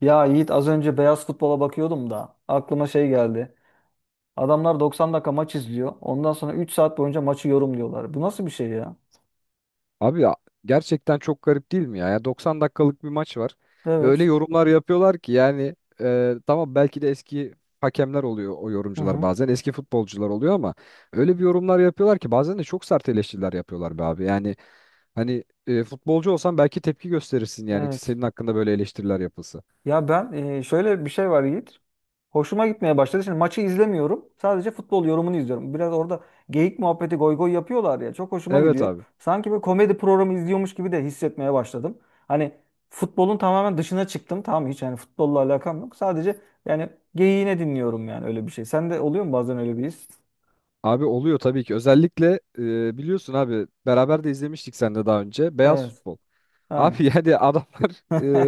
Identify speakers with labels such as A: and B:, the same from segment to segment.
A: Ya Yiğit az önce beyaz futbola bakıyordum da aklıma şey geldi. Adamlar 90 dakika maç izliyor. Ondan sonra 3 saat boyunca maçı yorumluyorlar. Bu nasıl bir şey ya?
B: Abi ya, gerçekten çok garip değil mi ya? Ya 90 dakikalık bir maç var. Ve öyle
A: Evet.
B: yorumlar yapıyorlar ki yani tamam belki de eski hakemler oluyor o
A: Hı
B: yorumcular
A: hı.
B: bazen. Eski futbolcular oluyor ama öyle bir yorumlar yapıyorlar ki bazen de çok sert eleştiriler yapıyorlar be abi. Yani hani futbolcu olsan belki tepki gösterirsin yani
A: Evet.
B: senin hakkında böyle eleştiriler yapılsa.
A: Ya ben şöyle bir şey var Yiğit. Hoşuma gitmeye başladı. Şimdi maçı izlemiyorum. Sadece futbol yorumunu izliyorum. Biraz orada geyik muhabbeti goy goy yapıyorlar ya. Çok hoşuma
B: Evet
A: gidiyor.
B: abi.
A: Sanki bir komedi programı izliyormuş gibi de hissetmeye başladım. Hani futbolun tamamen dışına çıktım. Tamam, hiç yani futbolla alakam yok. Sadece yani geyiğine dinliyorum, yani öyle bir şey. Sende oluyor mu bazen öyle bir his?
B: Abi oluyor tabii ki. Özellikle biliyorsun abi beraber de izlemiştik sen de daha önce. Beyaz
A: Evet.
B: futbol.
A: Yani.
B: Abi yani adamlar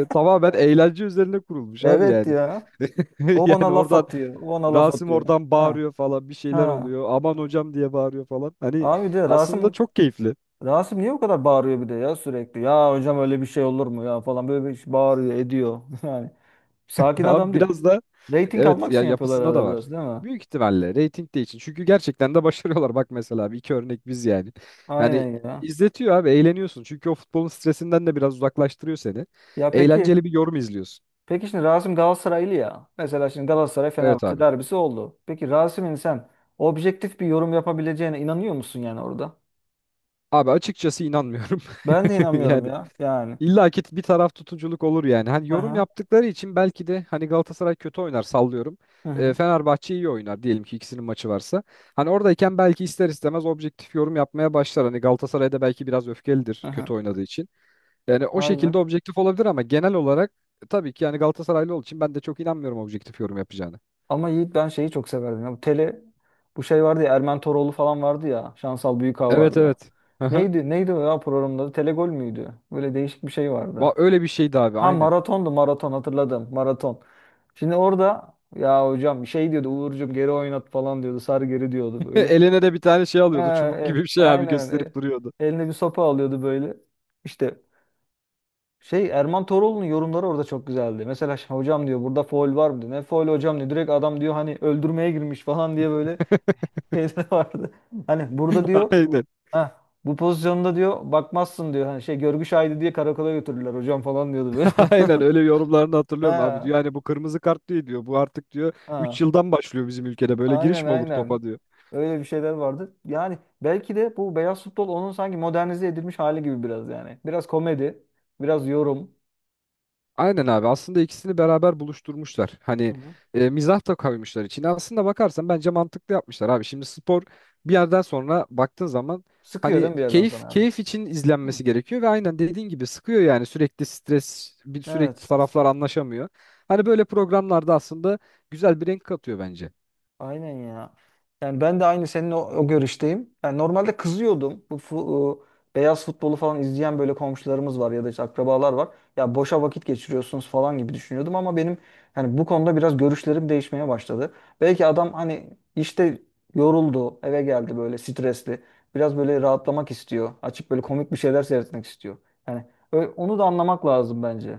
B: tamamen eğlence üzerine kurulmuş abi
A: Evet
B: yani.
A: ya. O
B: Yani
A: ona laf
B: oradan
A: atıyor. O ona laf
B: Rasim
A: atıyor.
B: oradan
A: Ha.
B: bağırıyor falan bir şeyler
A: Ha.
B: oluyor. Aman hocam diye bağırıyor falan. Hani
A: Abi de
B: aslında
A: Rasim
B: çok keyifli.
A: Rasim niye o kadar bağırıyor bir de ya sürekli? Ya hocam öyle bir şey olur mu ya falan böyle bir şey bağırıyor ediyor. Yani sakin
B: Abi
A: adam değil.
B: biraz da
A: Rating
B: evet
A: almak
B: ya
A: için yapıyorlar
B: yapısında da
A: arada
B: var.
A: biraz, değil mi?
B: Büyük ihtimalle reyting de için. Çünkü gerçekten de başarıyorlar. Bak mesela bir iki örnek biz yani. Yani
A: Aynen ya.
B: izletiyor abi eğleniyorsun. Çünkü o futbolun stresinden de biraz uzaklaştırıyor seni.
A: Ya peki
B: Eğlenceli bir yorum izliyorsun.
A: peki şimdi Rasim Galatasaraylı ya. Mesela şimdi Galatasaray
B: Evet
A: Fenerbahçe
B: abi.
A: derbisi oldu. Peki Rasim'in sen objektif bir yorum yapabileceğine inanıyor musun yani orada?
B: Abi açıkçası inanmıyorum.
A: Ben de inanmıyorum
B: Yani
A: ya yani.
B: İlla ki bir taraf tutuculuk olur yani. Hani yorum
A: Aha.
B: yaptıkları için belki de hani Galatasaray kötü oynar sallıyorum.
A: Hı hı.
B: Fenerbahçe iyi oynar diyelim ki ikisinin maçı varsa. Hani oradayken belki ister istemez objektif yorum yapmaya başlar. Hani Galatasaray da belki biraz
A: Hı
B: öfkelidir kötü
A: hı.
B: oynadığı için. Yani o şekilde
A: Aynen.
B: objektif olabilir ama genel olarak tabii ki yani Galatasaraylı olduğu için ben de çok inanmıyorum objektif yorum yapacağını.
A: Ama Yiğit ben şeyi çok severdim. Ya, bu şey vardı ya Ermen Toroğlu falan vardı ya. Şansal Büyükağ
B: Evet
A: vardı.
B: evet. Hı hı.
A: Neydi neydi o ya programın adı? Telegol müydü? Böyle değişik bir şey vardı.
B: Öyle bir şeydi abi
A: Ha,
B: aynen.
A: maratondu maraton, hatırladım. Maraton. Şimdi orada ya hocam şey diyordu, Uğurcuğum geri oynat falan diyordu. Sar geri diyordu böyle.
B: Eline de bir tane şey
A: Ha,
B: alıyordu çubuk gibi bir şey abi
A: aynen.
B: gösterip duruyordu.
A: Eline bir sopa alıyordu böyle. İşte şey, Erman Toroğlu'nun yorumları orada çok güzeldi. Mesela "Ş- hocam diyor, burada faul var mı diyor. Ne faul hocam diyor. Direkt adam diyor hani öldürmeye girmiş falan diye böyle şeyde vardı. Hani burada diyor,
B: Aynen.
A: ha bu pozisyonda diyor, bakmazsın diyor. Hani şey görgü şahidi diye karakola götürdüler hocam falan diyordu böyle.
B: Aynen öyle yorumlarını hatırlıyorum abi
A: Ha,
B: diyor. Yani bu kırmızı kart değil diyor. Bu artık diyor 3
A: ha.
B: yıldan başlıyor bizim ülkede. Böyle
A: Aynen
B: giriş mi olur
A: aynen.
B: topa diyor.
A: Öyle bir şeyler vardı. Yani belki de bu beyaz futbol onun sanki modernize edilmiş hali gibi biraz yani. Biraz komedi, biraz yorum.
B: Aynen abi aslında ikisini beraber buluşturmuşlar. Hani
A: Hı hı.
B: mizah da koymuşlar içine. Aslında bakarsan bence mantıklı yapmışlar abi. Şimdi spor bir yerden sonra baktığın zaman
A: Sıkıyor değil
B: hani
A: mi bir yerden
B: keyif
A: sonra abi?
B: keyif için
A: Hı.
B: izlenmesi gerekiyor ve aynen dediğin gibi sıkıyor yani sürekli stres bir sürekli
A: Evet.
B: taraflar anlaşamıyor. Hani böyle programlarda aslında güzel bir renk katıyor bence.
A: Aynen ya. Yani ben de aynı senin o görüşteyim. Yani normalde kızıyordum. Beyaz futbolu falan izleyen böyle komşularımız var ya da işte akrabalar var. Ya boşa vakit geçiriyorsunuz falan gibi düşünüyordum ama benim hani bu konuda biraz görüşlerim değişmeye başladı. Belki adam hani işte yoruldu, eve geldi böyle stresli. Biraz böyle rahatlamak istiyor. Açıp böyle komik bir şeyler seyretmek istiyor. Yani onu da anlamak lazım bence.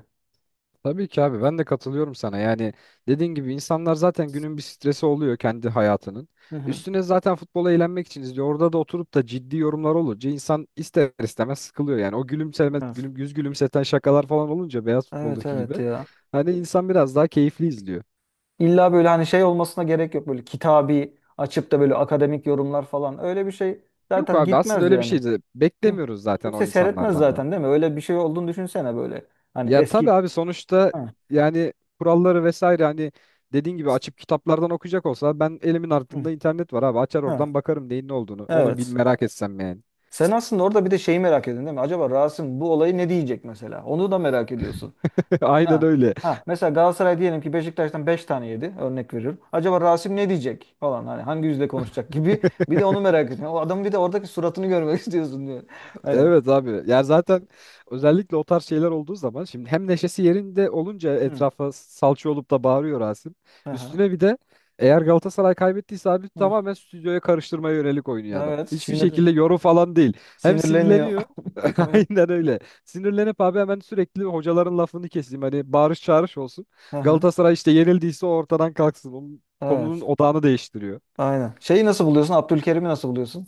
B: Tabii ki abi ben de katılıyorum sana. Yani dediğin gibi insanlar zaten günün bir stresi oluyor kendi hayatının.
A: Hı hı.
B: Üstüne zaten futbola eğlenmek için izliyor. Orada da oturup da ciddi yorumlar olunca insan ister istemez sıkılıyor. Yani o gülümseme,
A: Evet.
B: yüz gülümseten şakalar falan olunca beyaz
A: Evet
B: futboldaki
A: evet
B: gibi.
A: ya.
B: Hani insan biraz daha keyifli izliyor.
A: İlla böyle hani şey olmasına gerek yok, böyle kitabi açıp da böyle akademik yorumlar falan, öyle bir şey
B: Yok
A: zaten
B: abi aslında
A: gitmez
B: öyle bir şey
A: yani.
B: de
A: Kim-
B: beklemiyoruz zaten o
A: Kimse seyretmez
B: insanlardan da.
A: zaten, değil mi? Öyle bir şey olduğunu düşünsene böyle. Hani
B: Ya
A: eski.
B: tabii abi sonuçta
A: Ha,
B: yani kuralları vesaire hani dediğin gibi açıp kitaplardan okuyacak olsa ben elimin
A: hı,
B: altında internet var abi açar oradan
A: ha,
B: bakarım neyin ne olduğunu. Onu bil
A: evet.
B: merak etsem yani.
A: Sen aslında orada bir de şeyi merak ediyorsun, değil mi? Acaba Rasim bu olayı ne diyecek mesela? Onu da merak ediyorsun.
B: Aynen
A: Ha.
B: öyle.
A: Ha, mesela Galatasaray diyelim ki Beşiktaş'tan 5 tane yedi, örnek veriyorum. Acaba Rasim ne diyecek falan, hani hangi yüzle konuşacak gibi bir de onu merak ediyorsun. O adamın bir de oradaki suratını görmek istiyorsun diyor. Hani.
B: Evet abi. Yani zaten özellikle o tarz şeyler olduğu zaman şimdi hem neşesi yerinde olunca
A: Hı.
B: etrafa salça olup da bağırıyor Rasim.
A: Aha.
B: Üstüne bir de eğer Galatasaray kaybettiyse abi
A: Hı.
B: tamamen stüdyoya karıştırmaya yönelik oynuyor adam.
A: Evet.
B: Hiçbir şekilde yorum falan değil. Hem
A: Sinirleniyor.
B: sinirleniyor.
A: Evet.
B: Aynen öyle. Sinirlenip abi hemen sürekli hocaların lafını keseyim. Hani bağırış çağırış olsun.
A: Aha.
B: Galatasaray işte yenildiyse o ortadan kalksın. Onun konunun
A: Evet.
B: odağını değiştiriyor.
A: Aynen. Şeyi nasıl buluyorsun? Abdülkerim'i nasıl buluyorsun?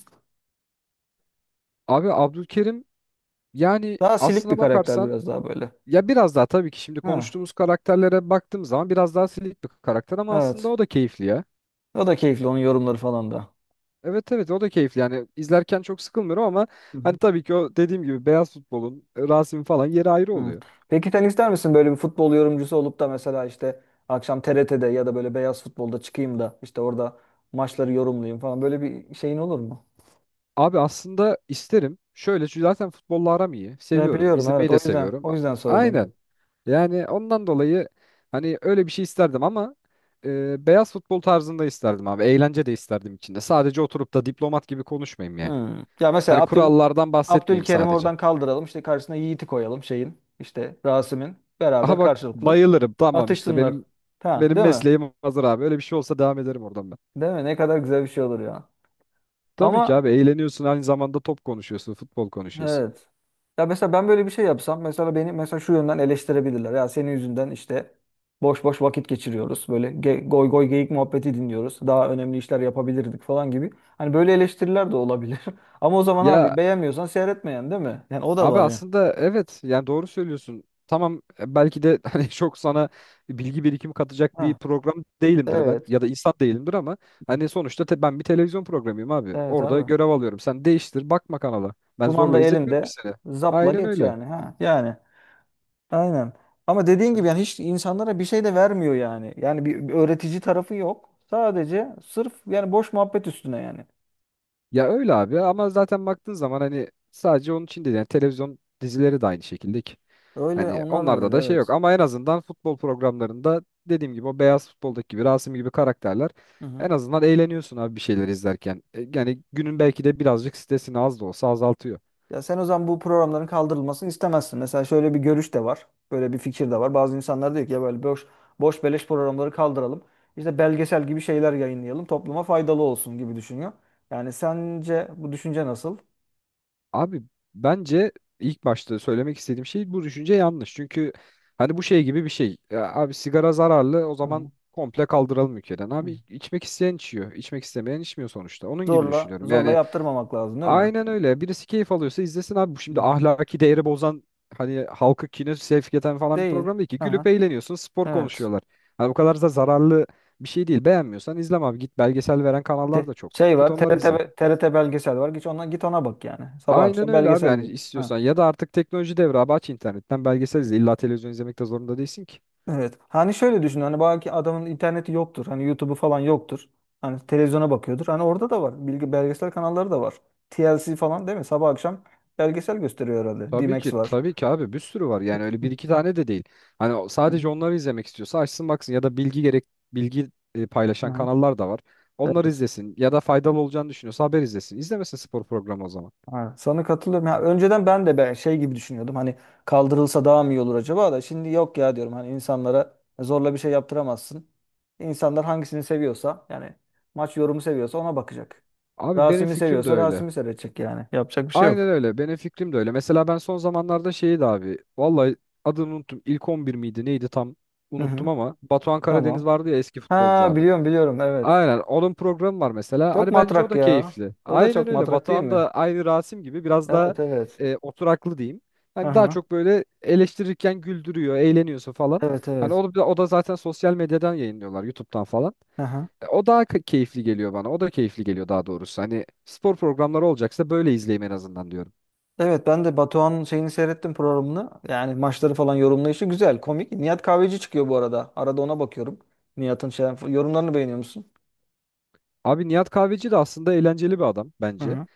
B: Abi Abdülkerim yani
A: Daha silik bir
B: aslına
A: karakter
B: bakarsan
A: biraz daha böyle.
B: ya biraz daha tabii ki şimdi
A: Ha.
B: konuştuğumuz karakterlere baktığım zaman biraz daha silik bir karakter ama aslında
A: Evet.
B: o da keyifli ya.
A: O da keyifli, onun yorumları falan da.
B: Evet evet o da keyifli yani izlerken çok sıkılmıyorum ama
A: Hı
B: hani
A: hı.
B: tabii ki o dediğim gibi beyaz futbolun Rasim falan yeri ayrı
A: Hı.
B: oluyor.
A: Peki sen ister misin böyle bir futbol yorumcusu olup da mesela işte akşam TRT'de ya da böyle beyaz futbolda çıkayım da işte orada maçları yorumlayayım falan, böyle bir şeyin olur mu?
B: Abi aslında isterim şöyle çünkü zaten futbolla aram iyi
A: Ya
B: seviyorum
A: biliyorum,
B: izlemeyi
A: evet,
B: de
A: o yüzden
B: seviyorum.
A: o yüzden sordum. Evet.
B: Aynen yani ondan dolayı hani öyle bir şey isterdim ama beyaz futbol tarzında isterdim abi eğlence de isterdim içinde sadece oturup da diplomat gibi konuşmayayım yani.
A: Hı. Ya mesela
B: Hani kurallardan bahsetmeyeyim
A: Abdülkerim'i
B: sadece.
A: oradan kaldıralım. İşte karşısına Yiğit'i koyalım şeyin. İşte Rasim'in.
B: Aha
A: Beraber
B: bak
A: karşılıklı
B: bayılırım. Tamam işte
A: atışsınlar.
B: benim
A: Ha,
B: benim
A: değil mi?
B: mesleğim hazır abi. Öyle bir şey olsa devam ederim oradan ben.
A: Değil mi? Ne kadar güzel bir şey olur ya.
B: Tabii ki
A: Ama
B: abi eğleniyorsun aynı zamanda top konuşuyorsun, futbol konuşuyorsun.
A: evet. Ya mesela ben böyle bir şey yapsam mesela beni mesela şu yönden eleştirebilirler. Ya senin yüzünden işte boş boş vakit geçiriyoruz. Böyle goy goy geyik muhabbeti dinliyoruz. Daha önemli işler yapabilirdik falan gibi. Hani böyle eleştiriler de olabilir. Ama o zaman
B: Ya
A: abi beğenmiyorsan seyretmeyen, değil mi? Yani o da
B: abi
A: var ya.
B: aslında evet yani doğru söylüyorsun. Tamam belki de hani çok sana bilgi birikimi katacak bir
A: Ha,
B: program değilimdir ben
A: evet.
B: ya da insan değilimdir ama hani sonuçta ben bir televizyon programıyım abi.
A: Evet
B: Orada
A: abi.
B: görev alıyorum. Sen değiştir bakma kanala. Ben
A: Kumanda
B: zorla izletmiyorum ki
A: elinde.
B: seni.
A: Zapla
B: Aynen
A: geç
B: öyle.
A: yani. Ha, yani aynen. Ama dediğin gibi yani hiç insanlara bir şey de vermiyor yani. Yani bir öğretici tarafı yok. Sadece sırf yani boş muhabbet üstüne yani.
B: Ya öyle abi ama zaten baktığın zaman hani sadece onun için değil yani televizyon dizileri de aynı şekilde ki.
A: Öyle
B: Hani
A: onlar da
B: onlarda
A: öyle,
B: da şey yok
A: evet.
B: ama en azından futbol programlarında dediğim gibi o beyaz futboldaki gibi Rasim gibi karakterler
A: Hı hı.
B: en azından eğleniyorsun abi bir şeyler izlerken. Yani günün belki de birazcık stresini az da olsa azaltıyor.
A: Ya sen o zaman bu programların kaldırılmasını istemezsin. Mesela şöyle bir görüş de var. Böyle bir fikir de var. Bazı insanlar diyor ki ya böyle boş boş beleş programları kaldıralım. İşte belgesel gibi şeyler yayınlayalım. Topluma faydalı olsun gibi düşünüyor. Yani sence bu düşünce nasıl?
B: Abi bence ilk başta söylemek istediğim şey bu düşünce yanlış. Çünkü hani bu şey gibi bir şey. Ya abi sigara zararlı o
A: Hı
B: zaman
A: hı.
B: komple kaldıralım ülkeden.
A: Hı.
B: Abi içmek isteyen içiyor. İçmek istemeyen içmiyor sonuçta. Onun gibi
A: Zorla,
B: düşünüyorum.
A: zorla
B: Yani
A: yaptırmamak lazım, değil mi?
B: aynen öyle. Birisi keyif alıyorsa izlesin abi. Bu
A: Hı
B: şimdi
A: hı.
B: ahlaki değeri bozan hani halkı kine sevk eden falan bir
A: Değil.
B: program değil ki. Gülüp
A: Aha,
B: eğleniyorsun. Spor
A: evet.
B: konuşuyorlar. Hani bu kadar da zararlı bir şey değil. Beğenmiyorsan izleme abi. Git belgesel veren kanallar
A: Te-
B: da çok.
A: şey
B: Git
A: var, t
B: onları
A: R t
B: izle.
A: be- t R T belgesel var. Git ona, git ona bak yani. Sabah
B: Aynen
A: akşam
B: öyle abi
A: belgesel
B: yani
A: veriyor. Ha.
B: istiyorsan ya da artık teknoloji devri abi aç internetten belgesel izle illa televizyon izlemek de zorunda değilsin ki.
A: Evet. Hani şöyle düşün. Hani belki adamın interneti yoktur. Hani YouTube'u falan yoktur. Hani televizyona bakıyordur. Hani orada da var. Bilgi belgesel kanalları da var. TLC falan, değil mi? Sabah akşam belgesel gösteriyor herhalde.
B: Tabii
A: D-Max
B: ki
A: var.
B: tabii ki abi bir sürü var yani öyle bir iki tane de değil. Hani
A: Hı
B: sadece
A: hı.
B: onları izlemek istiyorsa açsın baksın ya da bilgi gerek bilgi paylaşan
A: Aha.
B: kanallar da var. Onları
A: Evet.
B: izlesin ya da faydalı olacağını düşünüyorsa haber izlesin. İzlemesin spor programı o zaman.
A: Ha, sana katılıyorum. Ya, önceden ben de ben şey gibi düşünüyordum. Hani kaldırılsa daha mı iyi olur acaba da şimdi yok ya diyorum. Hani insanlara zorla bir şey yaptıramazsın. İnsanlar hangisini seviyorsa yani maç yorumu seviyorsa ona bakacak.
B: Abi benim
A: Rasim'i
B: fikrim de
A: seviyorsa
B: öyle.
A: Rasim'i seyredecek yani. Yapacak bir şey
B: Aynen
A: yok.
B: öyle benim fikrim de öyle. Mesela ben son zamanlarda şeyi de abi vallahi adını unuttum ilk 11 miydi neydi tam
A: Hı hı.
B: unuttum ama Batuhan Karadeniz
A: Tamam.
B: vardı ya eski futbolcu
A: Ha,
B: abi.
A: biliyorum biliyorum, evet.
B: Aynen onun programı var mesela.
A: Çok
B: Hani bence o
A: matrak
B: da
A: ya.
B: keyifli.
A: O da
B: Aynen
A: çok
B: öyle.
A: matrak, değil
B: Batuhan
A: mi?
B: da aynı Rasim gibi biraz daha
A: Evet evet.
B: oturaklı diyeyim. Hani daha
A: Aha.
B: çok böyle eleştirirken güldürüyor, eğleniyorsun falan.
A: Evet
B: Hani
A: evet.
B: o da zaten sosyal medyadan yayınlıyorlar, YouTube'dan falan.
A: Aha.
B: E, o daha keyifli geliyor bana. O da keyifli geliyor daha doğrusu. Hani spor programları olacaksa böyle izleyeyim en azından diyorum.
A: Evet ben de Batuhan'ın şeyini seyrettim, programını. Yani maçları falan yorumlayışı güzel, komik. Nihat Kahveci çıkıyor bu arada. Arada ona bakıyorum. Nihat'ın şey, yorumlarını beğeniyor musun?
B: Abi Nihat Kahveci de aslında eğlenceli bir adam
A: Hı
B: bence.
A: hı.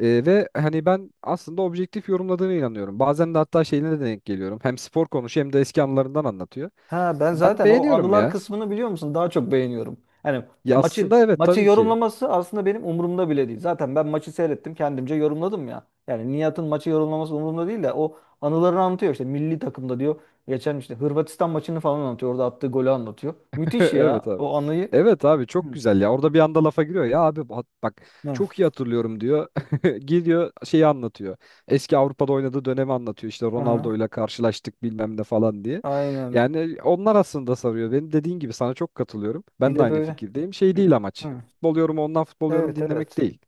B: Ve hani ben aslında objektif yorumladığına inanıyorum. Bazen de hatta şeyine de denk geliyorum. Hem spor konuşuyor hem de eski anılarından anlatıyor.
A: Ha ben
B: Ben
A: zaten o
B: beğeniyorum
A: anılar
B: ya.
A: kısmını biliyor musun? Daha çok beğeniyorum. Hani
B: Ya
A: maçı
B: aslında evet
A: maçı
B: tabii ki.
A: yorumlaması aslında benim umurumda bile değil. Zaten ben maçı seyrettim, kendimce yorumladım ya. Yani Nihat'ın maçı yorumlaması umurumda değil de o anılarını anlatıyor, işte milli takımda diyor. Geçen işte Hırvatistan maçını falan anlatıyor. Orada attığı golü anlatıyor. Müthiş
B: Evet
A: ya
B: abi.
A: o anıyı.
B: Evet abi
A: Hı.
B: çok güzel ya. Orada bir anda lafa giriyor. Ya abi bak, bak
A: Evet.
B: çok iyi hatırlıyorum diyor. Gidiyor şeyi anlatıyor. Eski Avrupa'da oynadığı dönemi anlatıyor. İşte
A: Aha.
B: Ronaldo'yla karşılaştık bilmem ne falan diye.
A: Aynen.
B: Yani onlar aslında sarıyor. Benim dediğin gibi sana çok katılıyorum.
A: Bir
B: Ben de
A: de
B: aynı
A: böyle.
B: fikirdeyim. Şey
A: bir-
B: değil amaç.
A: Hı.
B: Futbol yorumu ondan futbol yorumu
A: Evet
B: dinlemek
A: evet.
B: değil.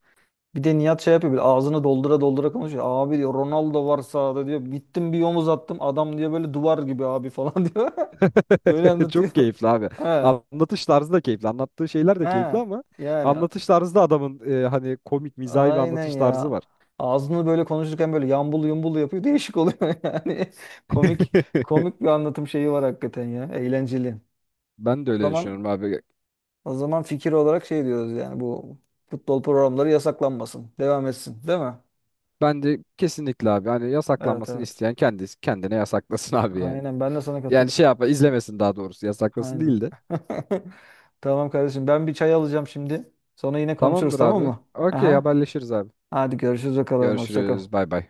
A: Bir de Nihat şey yapıyor böyle ağzını doldura doldura konuşuyor. Abi diyor Ronaldo var sahada diyor. Gittim bir omuz attım, adam diyor böyle duvar gibi abi falan diyor. Böyle anlatıyor.
B: Çok keyifli abi.
A: He.
B: Anlatış tarzı da keyifli. Anlattığı şeyler
A: He.
B: de keyifli ama
A: Yani
B: anlatış tarzı da adamın hani komik, mizahi bir
A: aynen
B: anlatış tarzı
A: ya.
B: var.
A: Ağzını böyle konuşurken böyle yambul yumbul yapıyor. Değişik oluyor yani. Komik komik bir anlatım şeyi var hakikaten ya. Eğlenceli.
B: Ben de
A: O
B: öyle
A: zaman
B: düşünüyorum abi.
A: O zaman fikir olarak şey diyoruz yani bu futbol programları yasaklanmasın. Devam etsin, değil mi?
B: Ben de kesinlikle abi hani
A: Evet
B: yasaklanmasını
A: evet.
B: isteyen kendisi kendine yasaklasın abi yani.
A: Aynen ben de sana
B: Yani şey
A: katılıyorum.
B: yapma izlemesin daha doğrusu yasaklasın
A: Aynen.
B: değil de.
A: Tamam kardeşim, ben bir çay alacağım şimdi. Sonra yine konuşuruz,
B: Tamamdır
A: tamam
B: abi.
A: mı?
B: Okey
A: Aha.
B: haberleşiriz abi.
A: Hadi görüşürüz bakalım. Hoşça kal.
B: Görüşürüz. Bay bay.